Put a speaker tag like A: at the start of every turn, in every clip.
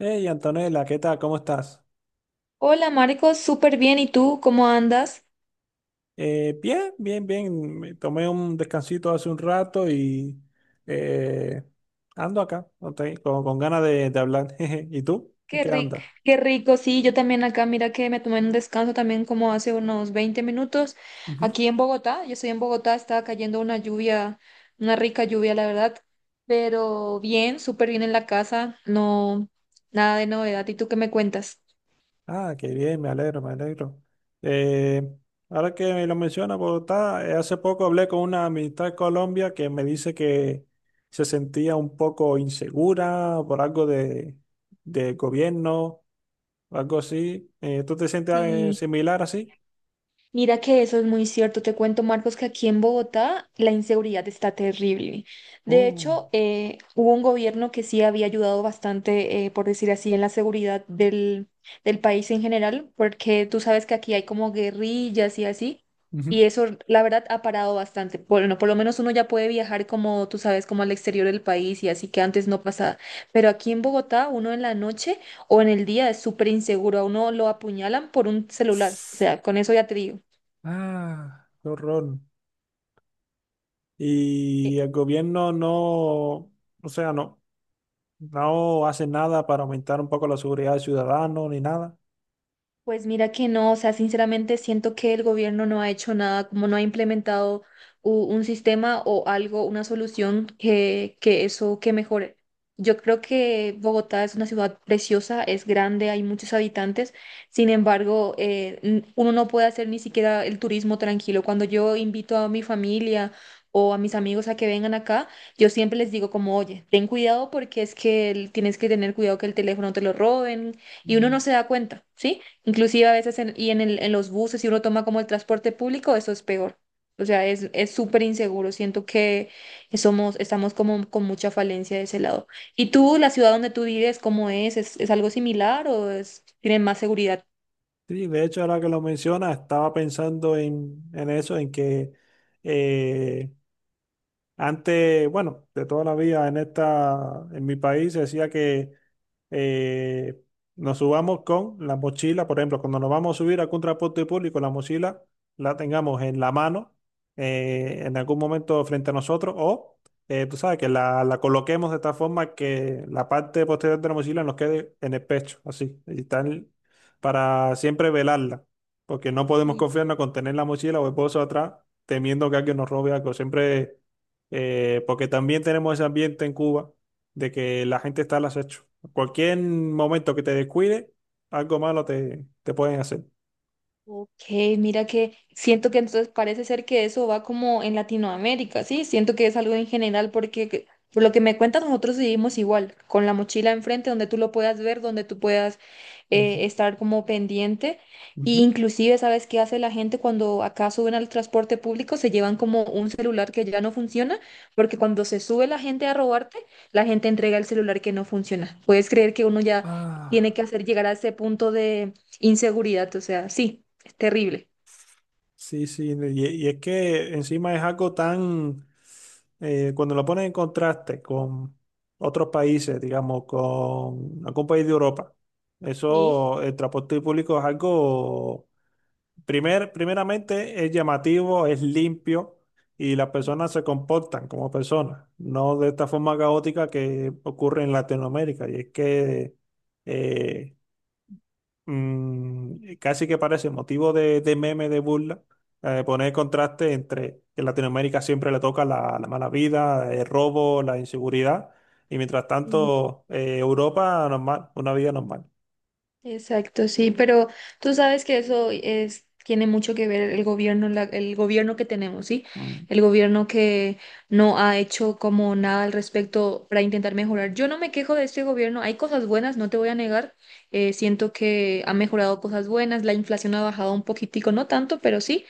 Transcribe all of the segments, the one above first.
A: Hey Antonella, ¿qué tal? ¿Cómo estás?
B: Hola Marco, súper bien. ¿Y tú cómo andas?
A: Bien, bien, bien. Me tomé un descansito hace un rato y eh, ando acá, ok, con ganas de hablar. Jeje. ¿Y tú? ¿En
B: Qué
A: qué
B: rico,
A: andas?
B: qué rico. Sí, yo también acá, mira que me tomé un descanso también como hace unos 20 minutos
A: Ujú.
B: aquí en Bogotá. Yo estoy en Bogotá, estaba cayendo una lluvia, una rica lluvia, la verdad. Pero bien, súper bien en la casa, no, nada de novedad. ¿Y tú qué me cuentas?
A: Ah, qué bien, me alegro, me alegro. Eh, ahora que me lo menciona, Bogotá, hace poco hablé con una amistad de Colombia que me dice que se sentía un poco insegura por algo de gobierno, algo así. ¿Tú te sientes
B: Sí.
A: similar así?
B: Mira que eso es muy cierto. Te cuento, Marcos, que aquí en Bogotá la inseguridad está terrible. De
A: Oh,
B: hecho, hubo un gobierno que sí había ayudado bastante, por decir así, en la seguridad del país en general, porque tú sabes que aquí hay como guerrillas y así,
A: ujú.
B: y eso, la verdad, ha parado bastante. Bueno, por lo menos uno ya puede viajar como, tú sabes, como al exterior del país y así que antes no pasaba. Pero aquí en Bogotá, uno en la noche o en el día es súper inseguro. A uno lo apuñalan por un celular. O sea, con eso ya te digo.
A: Ah, qué horror.
B: E-
A: Y el gobierno no, o sea, no, no hace nada para aumentar un poco la seguridad del ciudadano ni nada.
B: Pues mira que no, o sea, sinceramente siento que el gobierno no ha hecho nada, como no ha implementado un sistema o algo, una solución que eso que mejore. Yo creo que Bogotá es una ciudad preciosa, es grande, hay muchos habitantes, sin embargo, uno no puede hacer ni siquiera el turismo tranquilo. Cuando yo invito a mi familia o a mis amigos a que vengan acá, yo siempre les digo como, oye, ten cuidado porque es que tienes que tener cuidado que el teléfono te lo roben y uno
A: Mm.
B: no se da cuenta, ¿sí? Inclusive a veces en los buses, si uno toma como el transporte público, eso es peor. O sea, es súper inseguro. Siento que estamos como con mucha falencia de ese lado. ¿Y tú, la ciudad donde tú vives, cómo es? Es algo similar o es, tienen más seguridad?
A: Sí, de hecho, ahora que lo menciona, estaba pensando en eso, en que eh, antes, bueno, de toda la vida en esta, en mi país se decía que eh, nos subamos con la mochila, por ejemplo, cuando nos vamos a subir a algún transporte público, la mochila la tengamos en la mano, en algún momento frente a nosotros, o tú sabes, que la coloquemos de tal forma que la parte posterior de la mochila nos quede en el pecho, así, y tal, para siempre velarla, porque no podemos confiarnos con tener la mochila o el bolso atrás, temiendo que alguien nos robe algo, siempre porque también tenemos ese ambiente en Cuba de que la gente está al acecho. Cualquier momento que te descuide, algo malo te, te pueden hacer.
B: Ok, mira que siento que entonces parece ser que eso va como en Latinoamérica, ¿sí? Siento que es algo en general porque por lo que me cuentas nosotros vivimos igual, con la mochila enfrente donde tú lo puedas ver, donde tú puedas
A: Ujú,
B: estar como pendiente. Y
A: ujú.
B: inclusive, ¿sabes qué hace la gente cuando acá suben al transporte público? Se llevan como un celular que ya no funciona, porque cuando se sube la gente a robarte, la gente entrega el celular que no funciona. ¿Puedes creer que uno ya tiene
A: Ah,
B: que hacer llegar a ese punto de inseguridad? O sea, sí, terrible.
A: sí, sí. Y es que encima es algo tan, cuando lo pones en contraste con otros países, digamos, con algún país de Europa,
B: Sí,
A: eso, el transporte público es algo… Primer, primeramente es llamativo, es limpio y las personas se comportan como personas, no de esta forma caótica que ocurre en Latinoamérica. Y es que eh, casi que parece motivo de meme, de burla, poner contraste entre que en Latinoamérica siempre le toca la, la mala vida, el robo, la inseguridad, y mientras
B: sí,
A: tanto Europa normal, una vida normal.
B: exacto, sí, pero tú sabes que eso es, tiene mucho que ver el gobierno, el gobierno que tenemos, ¿sí?
A: Mm,
B: El gobierno que no ha hecho como nada al respecto para intentar mejorar. Yo no me quejo de este gobierno, hay cosas buenas, no te voy a negar, siento que ha mejorado cosas buenas, la inflación ha bajado un poquitico, no tanto, pero sí.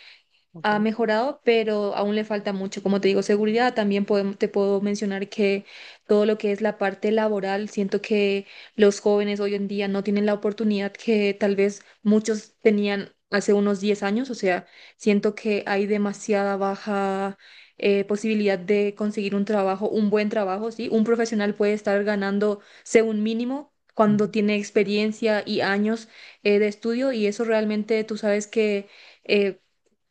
A: ok.
B: Ha mejorado, pero aún le falta mucho. Como te digo, seguridad, también te puedo mencionar que todo lo que es la parte laboral, siento que los jóvenes hoy en día no tienen la oportunidad que tal vez muchos tenían hace unos 10 años. O sea, siento que hay demasiada baja posibilidad de conseguir un trabajo, un buen trabajo, ¿sí? Un profesional puede estar ganando, según mínimo, cuando
A: Ujú.
B: tiene experiencia y años de estudio y eso realmente tú sabes que eh,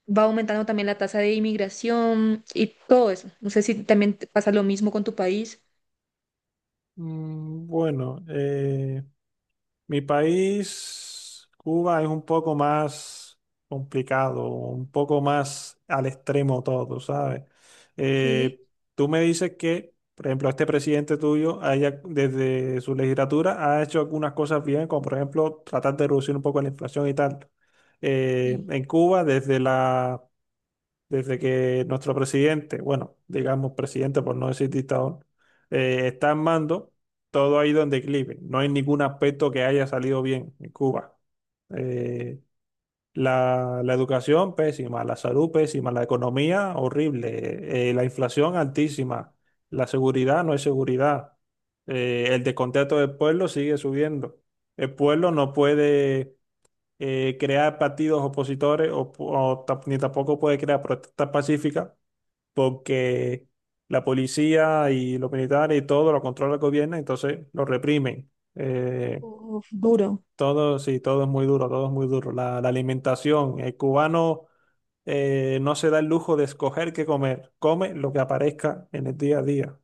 B: va aumentando también la tasa de inmigración y todo eso. No sé si también te pasa lo mismo con tu país.
A: Mm, bueno. Mi país, Cuba, es un poco más complicado, un poco más al extremo todo, ¿sabes?
B: Sí.
A: Eh, tú me dices que, por ejemplo, este presidente tuyo, haya- desde su legislatura, ha hecho algunas cosas bien, como por ejemplo tratar de reducir un poco la inflación y tal.
B: Sí.
A: En Cuba, desde la desde que nuestro presidente, bueno, digamos presidente por no decir dictador, está en mando, todo ha ido en declive. No hay ningún aspecto que haya salido bien en Cuba. Eh, la, la educación pésima, la salud pésima, la economía horrible, la inflación altísima, la seguridad no hay seguridad, el descontento del pueblo sigue subiendo. El pueblo no puede crear partidos opositores o ta- ni tampoco puede crear protestas pacíficas porque la policía y los militares y todo lo controla el gobierno, entonces lo reprimen.
B: Uf, duro.
A: Todo, sí, todo es muy duro, todo es muy duro. La alimentación, el cubano no se da el lujo de escoger qué comer, come lo que aparezca en el día a día.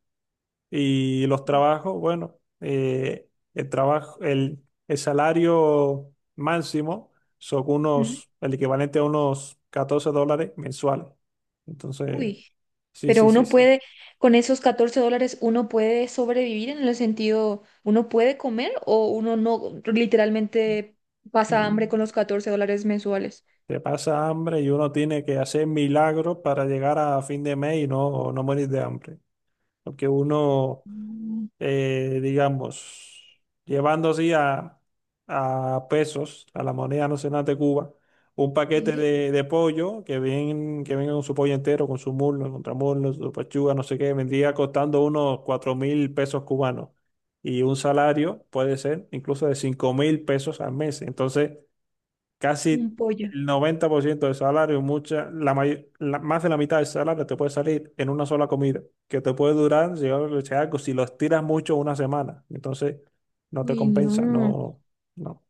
A: Y los trabajos, bueno, el trabajo, el salario máximo son
B: Ujú.
A: unos, el equivalente a unos 14 dólares mensuales. Entonces,
B: Uy.
A: sí,
B: Pero
A: sí, sí,
B: uno
A: sí.
B: puede, con esos $14, uno puede sobrevivir en el sentido, uno puede comer o uno no literalmente pasa hambre
A: Mm,
B: con los $14 mensuales.
A: te pasa hambre y uno tiene que hacer milagros para llegar a fin de mes y no, no morir de hambre. Porque uno
B: Mm.
A: digamos, llevando así a pesos, a la moneda nacional de Cuba, un paquete
B: Sí.
A: de pollo que ven, que venga con su pollo entero, con su muslo, contramuslo, su pechuga, no sé qué, vendría costando unos 4.000 pesos cubanos. Y un salario puede ser incluso de 5.000 pesos al mes. Entonces,
B: Un
A: casi
B: pollo.
A: el 90% del salario, mucha, la may- la- más de la mitad del salario te puede salir en una sola comida, que te puede durar, si yo- si algo, si lo estiras mucho, una semana. Entonces, no te
B: Uy,
A: compensa,
B: no.
A: no, no,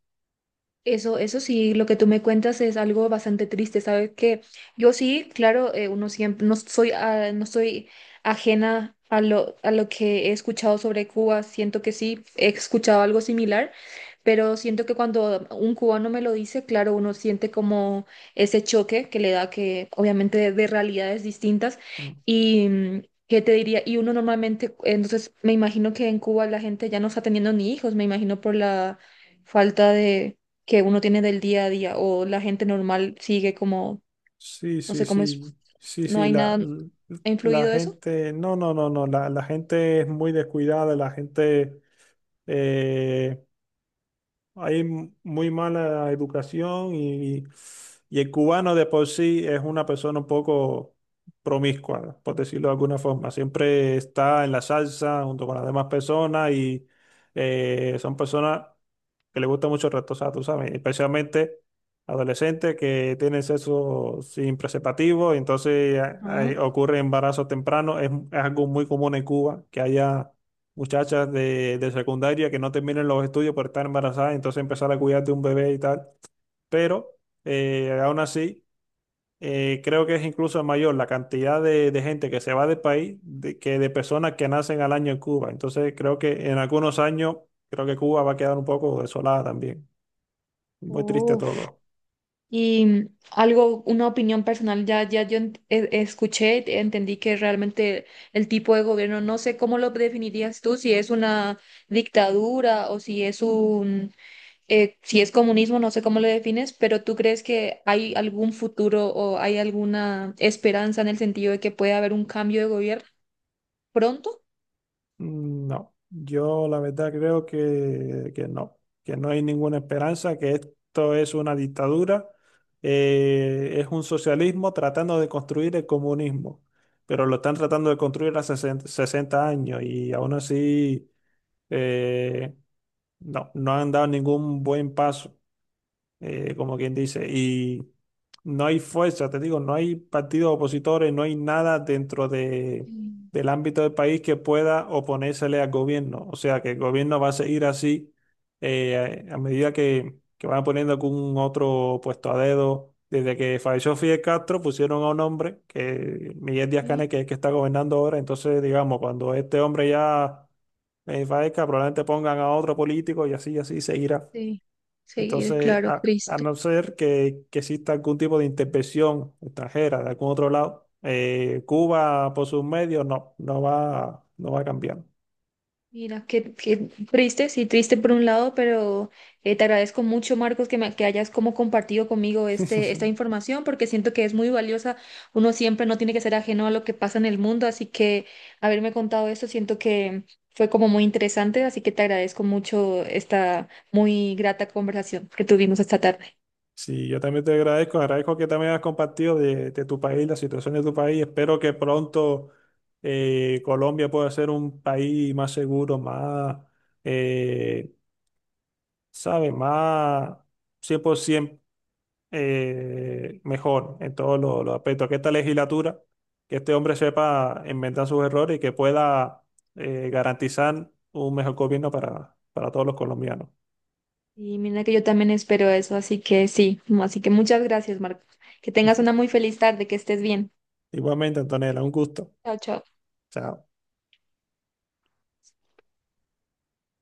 B: Eso sí, lo que tú me cuentas es algo bastante triste, ¿sabes? Que yo sí, claro, uno siempre, no soy, ah, no soy ajena a lo que he escuchado sobre Cuba, siento que sí, he escuchado algo similar, pero siento que cuando un cubano me lo dice, claro, uno siente como ese choque que le da que obviamente de realidades distintas
A: no.
B: y... mm, ¿qué te diría? Y uno normalmente, entonces me imagino que en Cuba la gente ya no está teniendo ni hijos, me imagino por la falta de, que uno tiene del día a día o la gente normal sigue como,
A: Sí,
B: no
A: sí,
B: sé cómo es,
A: sí, sí,
B: no
A: sí,
B: hay
A: la,
B: nada,
A: la
B: ¿ha
A: la
B: influido eso?
A: gente, no, no, no, no, la gente es muy descuidada, la gente… eh, hay m- muy mala educación y el cubano de por sí es una persona un poco promiscua, por decirlo de alguna forma. Siempre está en la salsa junto con las demás personas y son personas que les gusta mucho retosar, tú sabes, especialmente adolescentes que tienen sexo sin preservativo y entonces
B: Ajá.
A: ocurre embarazo temprano. Es algo muy común en Cuba que haya muchachas de secundaria que no terminen los estudios por estar embarazadas, entonces empezar a cuidar de un bebé y tal. Pero aún así, creo que es incluso mayor la cantidad de gente que se va del país de- que de personas que nacen al año en Cuba. Entonces creo que en algunos años, creo que Cuba va a quedar un poco desolada también. Muy triste
B: Uf.
A: todo.
B: Y mm, algo, una opinión personal, ya, escuché, entendí que realmente el tipo de gobierno, no sé cómo lo definirías tú, si es una dictadura o si es un, si es comunismo, no sé cómo lo defines, pero ¿tú crees que hay algún futuro o hay alguna esperanza en el sentido de que puede haber un cambio de gobierno pronto?
A: Mm, no, yo la verdad creo que no hay ninguna esperanza, que esto es una dictadura, es un socialismo tratando de construir el comunismo, pero lo están tratando de construir hace 60, 60 años y aún así eh, no, no han dado ningún buen paso como quien dice, y no hay fuerza, te digo, no hay partidos opositores, no hay nada dentro de, del ámbito del país que pueda oponérsele al gobierno. O sea, que el gobierno va a seguir así a medida que van poniendo algún otro puesto a dedo. Desde que falleció Fidel Castro, pusieron a un hombre, que Miguel
B: Sí,
A: Díaz-Canel, que es el que está gobernando ahora. Entonces, digamos, cuando este hombre ya fallezca, probablemente pongan a otro político y así seguirá.
B: sí, seguir,
A: Entonces,
B: claro,
A: a
B: triste.
A: no ser que exista algún tipo de intervención extranjera de algún otro lado, Cuba por sus medios no, no va, no va a cambiar.
B: Mira, qué, qué triste, sí, triste por un lado, pero te agradezco mucho, Marcos, que hayas como compartido conmigo esta información, porque siento que es muy valiosa. Uno siempre no tiene que ser ajeno a lo que pasa en el mundo, así que haberme contado esto, siento que fue como muy interesante, así que te agradezco mucho esta muy grata conversación que tuvimos esta tarde.
A: Sí, yo también te agradezco, agradezco que también has compartido de tu país, la situación de tu país. Espero que pronto Colombia pueda ser un país más seguro, más, eh, ¿sabes? Más 100%, mejor en todos los aspectos, que esta legislatura, que este hombre sepa inventar sus errores y que pueda garantizar un mejor gobierno para todos los colombianos.
B: Y mira que yo también espero eso, así que sí, así que muchas gracias, Marcos. Que tengas una muy feliz tarde, que estés bien.
A: Igualmente, Antonella, un gusto.
B: Chao, chao.
A: Chao.